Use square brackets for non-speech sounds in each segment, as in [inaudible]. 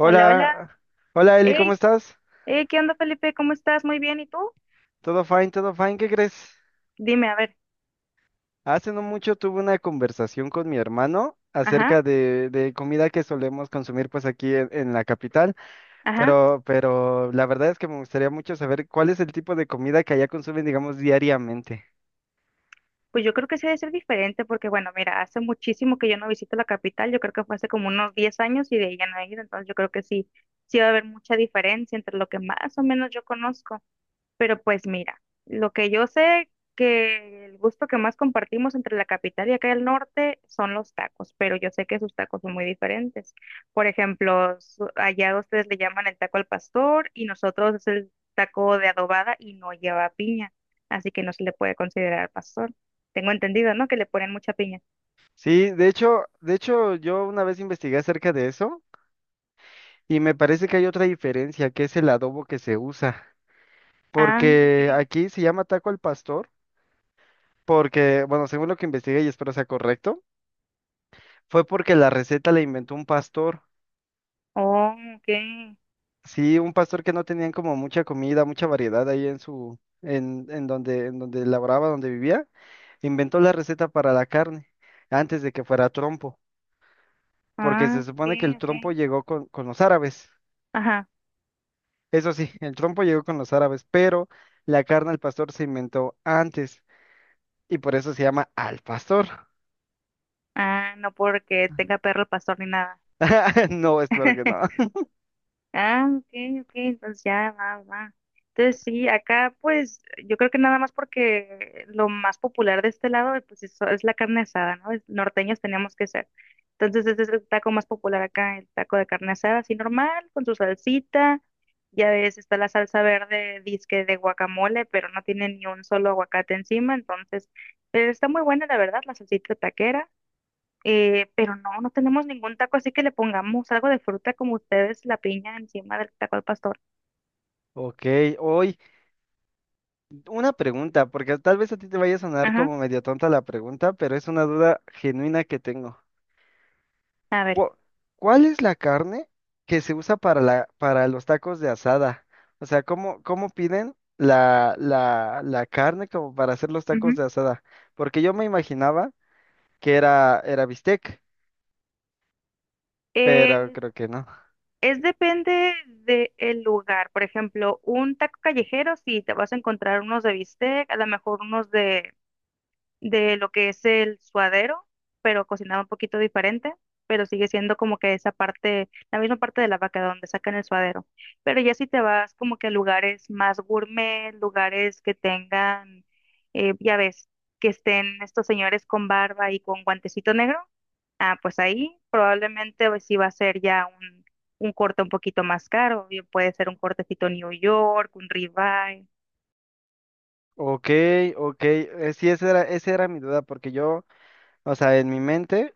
Hola, hola. hola Eli, ¿cómo Hey, estás? hey, ¿qué onda, Felipe? ¿Cómo estás? Muy bien, ¿y tú? Todo fine, ¿qué crees? Dime, a ver. Hace no mucho tuve una conversación con mi hermano Ajá, acerca de comida que solemos consumir pues aquí en la capital, ajá. pero la verdad es que me gustaría mucho saber cuál es el tipo de comida que allá consumen, digamos, diariamente. Pues yo creo que sí debe ser diferente porque, bueno, mira, hace muchísimo que yo no visito la capital, yo creo que fue hace como unos 10 años y de ahí ya no he ido, entonces yo creo que sí, sí va a haber mucha diferencia entre lo que más o menos yo conozco. Pero pues mira, lo que yo sé que el gusto que más compartimos entre la capital y acá el norte son los tacos, pero yo sé que sus tacos son muy diferentes. Por ejemplo, allá ustedes le llaman el taco al pastor y nosotros es el taco de adobada y no lleva piña, así que no se le puede considerar pastor. Tengo entendido, ¿no?, que le ponen mucha piña. Sí, de hecho yo una vez investigué acerca de eso y me parece que hay otra diferencia, que es el adobo que se usa, Ah, ok. porque aquí se llama taco al pastor, porque, bueno, según lo que investigué y espero sea correcto. Fue porque la receta la inventó un pastor. Oh, ok. Sí, un pastor que no tenían como mucha comida, mucha variedad ahí en su, en donde laboraba, donde vivía, inventó la receta para la carne, antes de que fuera trompo, porque Ah, se ok, supone que el ok. trompo llegó con los árabes. Ajá. Eso sí, el trompo llegó con los árabes, pero la carne al pastor se inventó antes, y por eso se llama al pastor. Ah, no porque tenga perro el pastor ni nada. [laughs] No, espero que no. [laughs] [laughs] Ah, ok, ok, entonces ya va, va. Entonces sí, acá pues yo creo que nada más porque lo más popular de este lado pues eso es la carne asada, ¿no? Norteños teníamos que ser. Entonces ese es el taco más popular acá, el taco de carne asada, así normal, con su salsita. Ya ves, está la salsa verde, disque de guacamole, pero no tiene ni un solo aguacate encima, entonces, pero está muy buena la verdad, la salsita taquera. Pero no, no tenemos ningún taco, así que le pongamos algo de fruta como ustedes, la piña encima del taco al pastor. Ok, hoy. Una pregunta, porque tal vez a ti te vaya a sonar Ajá, como medio tonta la pregunta, pero es una duda genuina que tengo. a ver. ¿Cu- ¿Cuál es la carne que se usa para la, para los tacos de asada? O sea, ¿cómo, cómo piden la carne como para hacer los Ujú. tacos de asada? Porque yo me imaginaba que era, era bistec, pero Eh, creo que no. es depende del lugar. Por ejemplo, un taco callejero, si te vas a encontrar unos de bistec, a lo mejor unos de lo que es el suadero, pero cocinado un poquito diferente, pero sigue siendo como que esa parte, la misma parte de la vaca donde sacan el suadero. Pero ya si te vas como que a lugares más gourmet, lugares que tengan, ya ves, que estén estos señores con barba y con guantecito negro, ah, pues ahí probablemente pues, sí va a ser ya un corte un poquito más caro, bien puede ser un cortecito New York, un ribeye, Ok, ok, sí, esa era mi duda, porque yo, o sea, en mi mente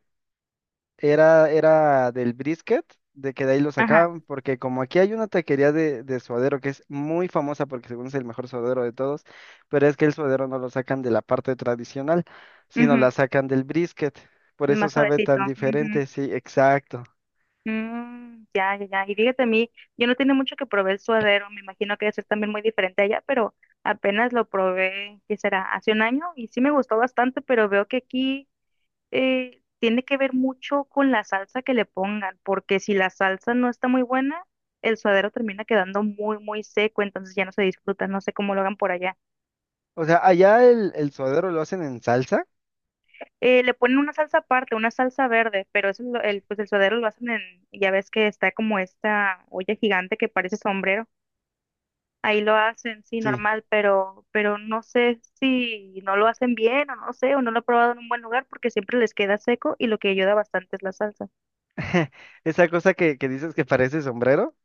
era, era del brisket, de que de ahí lo ajá, sacaban, porque como aquí hay una taquería de suadero que es muy famosa porque según es el mejor suadero de todos, pero es que el suadero no lo sacan de la parte tradicional, sino ujú. la sacan del brisket. Por eso Más sabe suavecito. tan Ujú. diferente, sí, exacto. Mm, ya, ya, ya. Y fíjate a mí, yo no tiene mucho que probé el suadero, me imagino que debe ser también muy diferente allá, pero apenas lo probé, ¿qué será? Hace un año y sí me gustó bastante, pero veo que aquí tiene que ver mucho con la salsa que le pongan, porque si la salsa no está muy buena, el suadero termina quedando muy, muy seco, entonces ya no se disfruta, no sé cómo lo hagan por allá. O sea, allá el suadero lo hacen en salsa, Le ponen una salsa aparte, una salsa verde, pero eso, pues el suadero lo hacen en, ya ves que está como esta olla gigante que parece sombrero, ahí lo hacen, sí, sí. normal, pero no sé si no lo hacen bien o no sé, o no lo he probado en un buen lugar porque siempre les queda seco y lo que ayuda bastante es la salsa. [laughs] Esa cosa que dices que parece sombrero,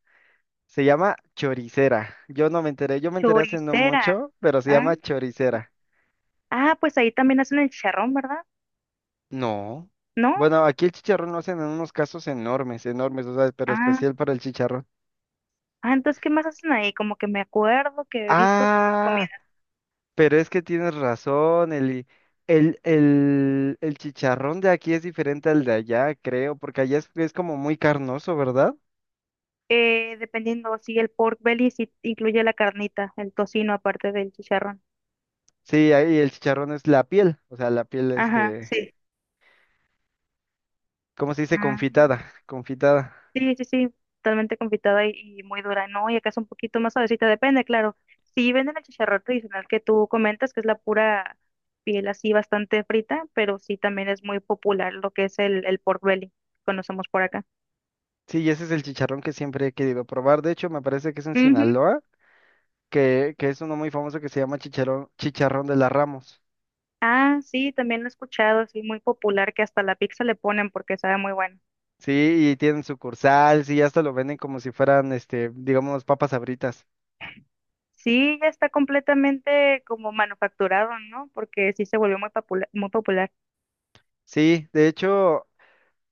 se llama choricera. Yo no me enteré, yo me enteré hace no Choricera. mucho, pero se Ah, llama choricera. ah, pues ahí también hacen el chicharrón, ¿verdad? No. ¿No? Bueno, aquí el chicharrón lo hacen en unos casos enormes, enormes, o sea, pero Ah, especial para el chicharrón. ah, entonces, ¿qué más hacen ahí? Como que me acuerdo que he visto comida. Ah, pero es que tienes razón, Eli. El chicharrón de aquí es diferente al de allá, creo, porque allá es como muy carnoso, ¿verdad? Dependiendo si el pork belly sí incluye la carnita, el tocino aparte del chicharrón. Sí, ahí el chicharrón es la piel, o sea, la piel, Ajá, este, sí. ¿cómo se dice? Ah. Confitada, confitada. Sí, sí, sí, totalmente confitada y muy dura, ¿no? Y acá es un poquito más suavecita, depende, claro. Sí venden el chicharrón tradicional que tú comentas, que es la pura piel así bastante frita, pero sí también es muy popular lo que es el pork belly, conocemos por acá. Sí, y ese es el chicharrón que siempre he querido probar. De hecho, me parece que es en Ujú. Sinaloa, que es uno muy famoso que se llama chicharrón, chicharrón de la Ramos. Ah, sí, también lo he escuchado, sí, muy popular, que hasta la pizza le ponen porque sabe muy bueno. Sí, y tienen sucursal, sí, hasta lo venden como si fueran, este, digamos, papas sabritas. Sí, ya está completamente como manufacturado, ¿no? Porque sí se volvió muy popular, muy popular. Sí, de hecho,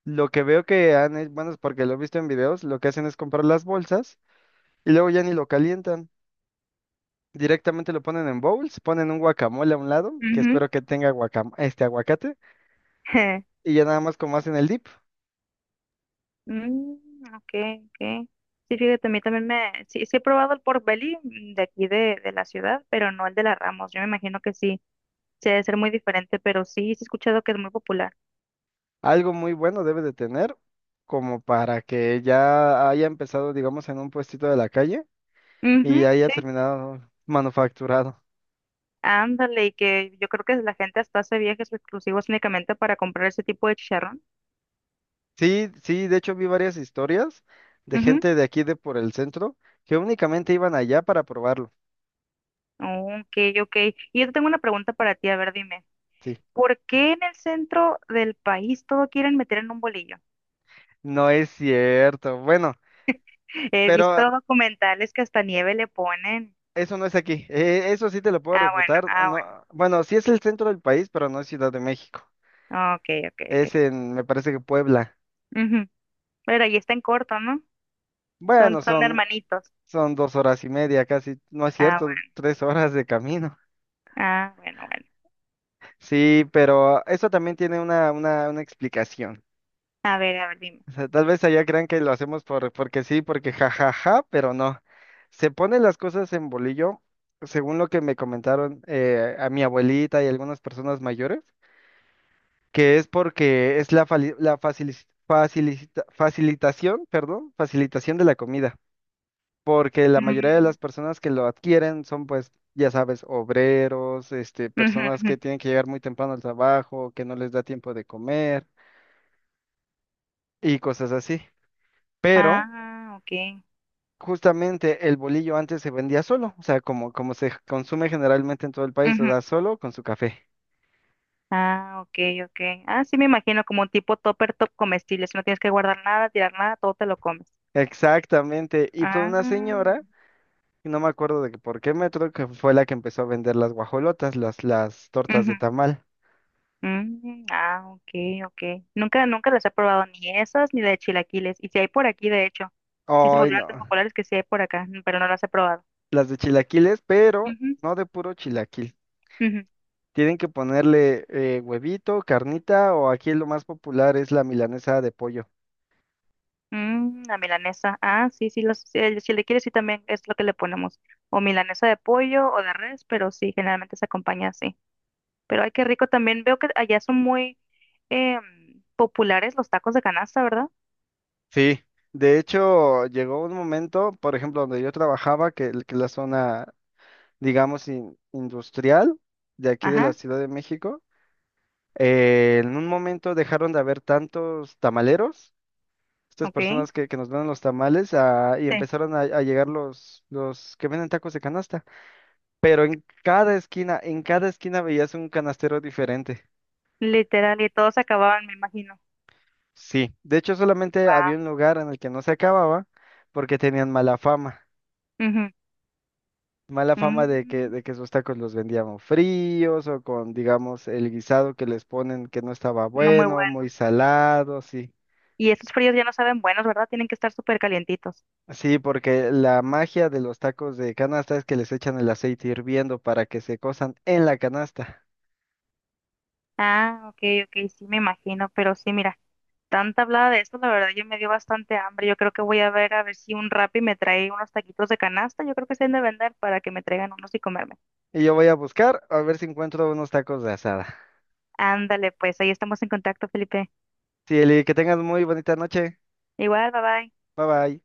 lo que veo que han, bueno, es porque lo he visto en videos, lo que hacen es comprar las bolsas y luego ya ni lo calientan. Directamente lo ponen en bowls, ponen un guacamole a un lado, que Ujú. espero que tenga guacam este aguacate, [laughs] y ya nada más como hacen el dip. Mm, ok, ok. Sí, fíjate, a mí también me... sí, sí he probado el pork belly de aquí de la ciudad, pero no el de la Ramos. Yo me imagino que sí, sí debe ser muy diferente, pero sí, sí he escuchado que es muy popular. Algo muy bueno debe de tener, como para que ya haya empezado, digamos, en un puestito de la calle y Ujú, haya sí, terminado manufacturado. ándale, y que yo creo que la gente hasta hace viajes exclusivos únicamente para comprar ese tipo de chicharrón. Sí, sí, de hecho vi varias historias de Ujú. gente de aquí de por el centro que únicamente iban allá para probarlo. Ok, ok. Y yo te tengo una pregunta para ti, a ver, dime. Sí, ¿Por qué en el centro del país todo quieren meter en un bolillo? no es cierto. Bueno, He pero visto documentales que hasta nieve le ponen. eso no es aquí. Eso sí te lo puedo Ah, bueno, refutar. ah, No, bueno. bueno, sí es el centro del país, pero no es Ciudad de México. Ok, ok, ok. Es en, me parece que Puebla. Ujú. Pero ahí está en corto, ¿no? Son, Bueno, son son, hermanitos. son 2 horas y media casi. No es Ah, bueno, cierto, 3 horas de camino. ah, bueno, bueno. Sí, pero eso también tiene una explicación. A ver, dime. O sea, tal vez allá crean que lo hacemos por, porque sí, porque jajaja, pero no. Se ponen las cosas en bolillo, según lo que me comentaron a mi abuelita y algunas personas mayores, que es porque es la, facilitación, perdón, facilitación de la comida. Porque la mayoría de Mm, las personas que lo adquieren son, pues, ya sabes, obreros, este, ujú, personas ujú. que tienen que llegar muy temprano al trabajo, que no les da tiempo de comer y cosas así. Pero Ah, ok. justamente el bolillo antes se vendía solo, o sea, como, como se consume generalmente en todo el país, o Ujú. sea, solo con su café. Ah, ok, ok. Ah, sí, me imagino como un tipo topper top comestible. Si no tienes que guardar nada, tirar nada, todo te lo comes. Exactamente, y fue una Ah, señora, y no me acuerdo de que por qué metro, que fue la que empezó a vender las guajolotas, las tortas ujú. de tamal. Mm, ah, ok, ok. Nunca, nunca las he probado ni esas ni de chilaquiles. Y si hay por aquí, de hecho. Sí se Ay, no, volvieron tan populares que sí hay por acá, pero no las he probado. las de chilaquiles, pero Ujú, no de puro chilaquil. ujú. Tienen que ponerle huevito, carnita, o aquí lo más popular es la milanesa de pollo. Mm, la milanesa. Ah, sí, sí, los, si, si le quieres, sí también es lo que le ponemos. O milanesa de pollo o de res, pero sí, generalmente se acompaña así. Pero ay, qué rico también. Veo que allá son muy populares los tacos de canasta, ¿verdad? Sí, de hecho, llegó un momento, por ejemplo, donde yo trabajaba, que la zona digamos, industrial de aquí de la Ajá, Ciudad de México. En un momento dejaron de haber tantos tamaleros, estas ok. personas que nos venden los tamales, ah, y Sí. empezaron a llegar los que venden tacos de canasta. Pero en cada esquina veías un canastero diferente. Literal, y todos se acababan, me imagino. Sí, de hecho solamente había Wow. un lugar en el que no se acababa porque tenían mala fama. Mala fama de que esos tacos los vendíamos fríos o con, digamos, el guisado que les ponen que no estaba No muy bueno, muy bueno. salado, sí. Y esos fríos ya no saben buenos, ¿verdad? Tienen que estar súper calientitos. Sí, porque la magia de los tacos de canasta es que les echan el aceite hirviendo para que se cosan en la canasta. Ah, ok, ok, sí, me imagino, pero sí, mira. Tanta hablada de esto, la verdad yo me dio bastante hambre. Yo creo que voy a ver si un Rappi me trae unos taquitos de canasta. Yo creo que se han de vender para que me traigan unos y comerme. Y yo voy a buscar a ver si encuentro unos tacos de asada. Ándale, pues ahí estamos en contacto, Felipe. Sí, Eli, que tengas muy bonita noche. Igual, bye bye. Bye bye.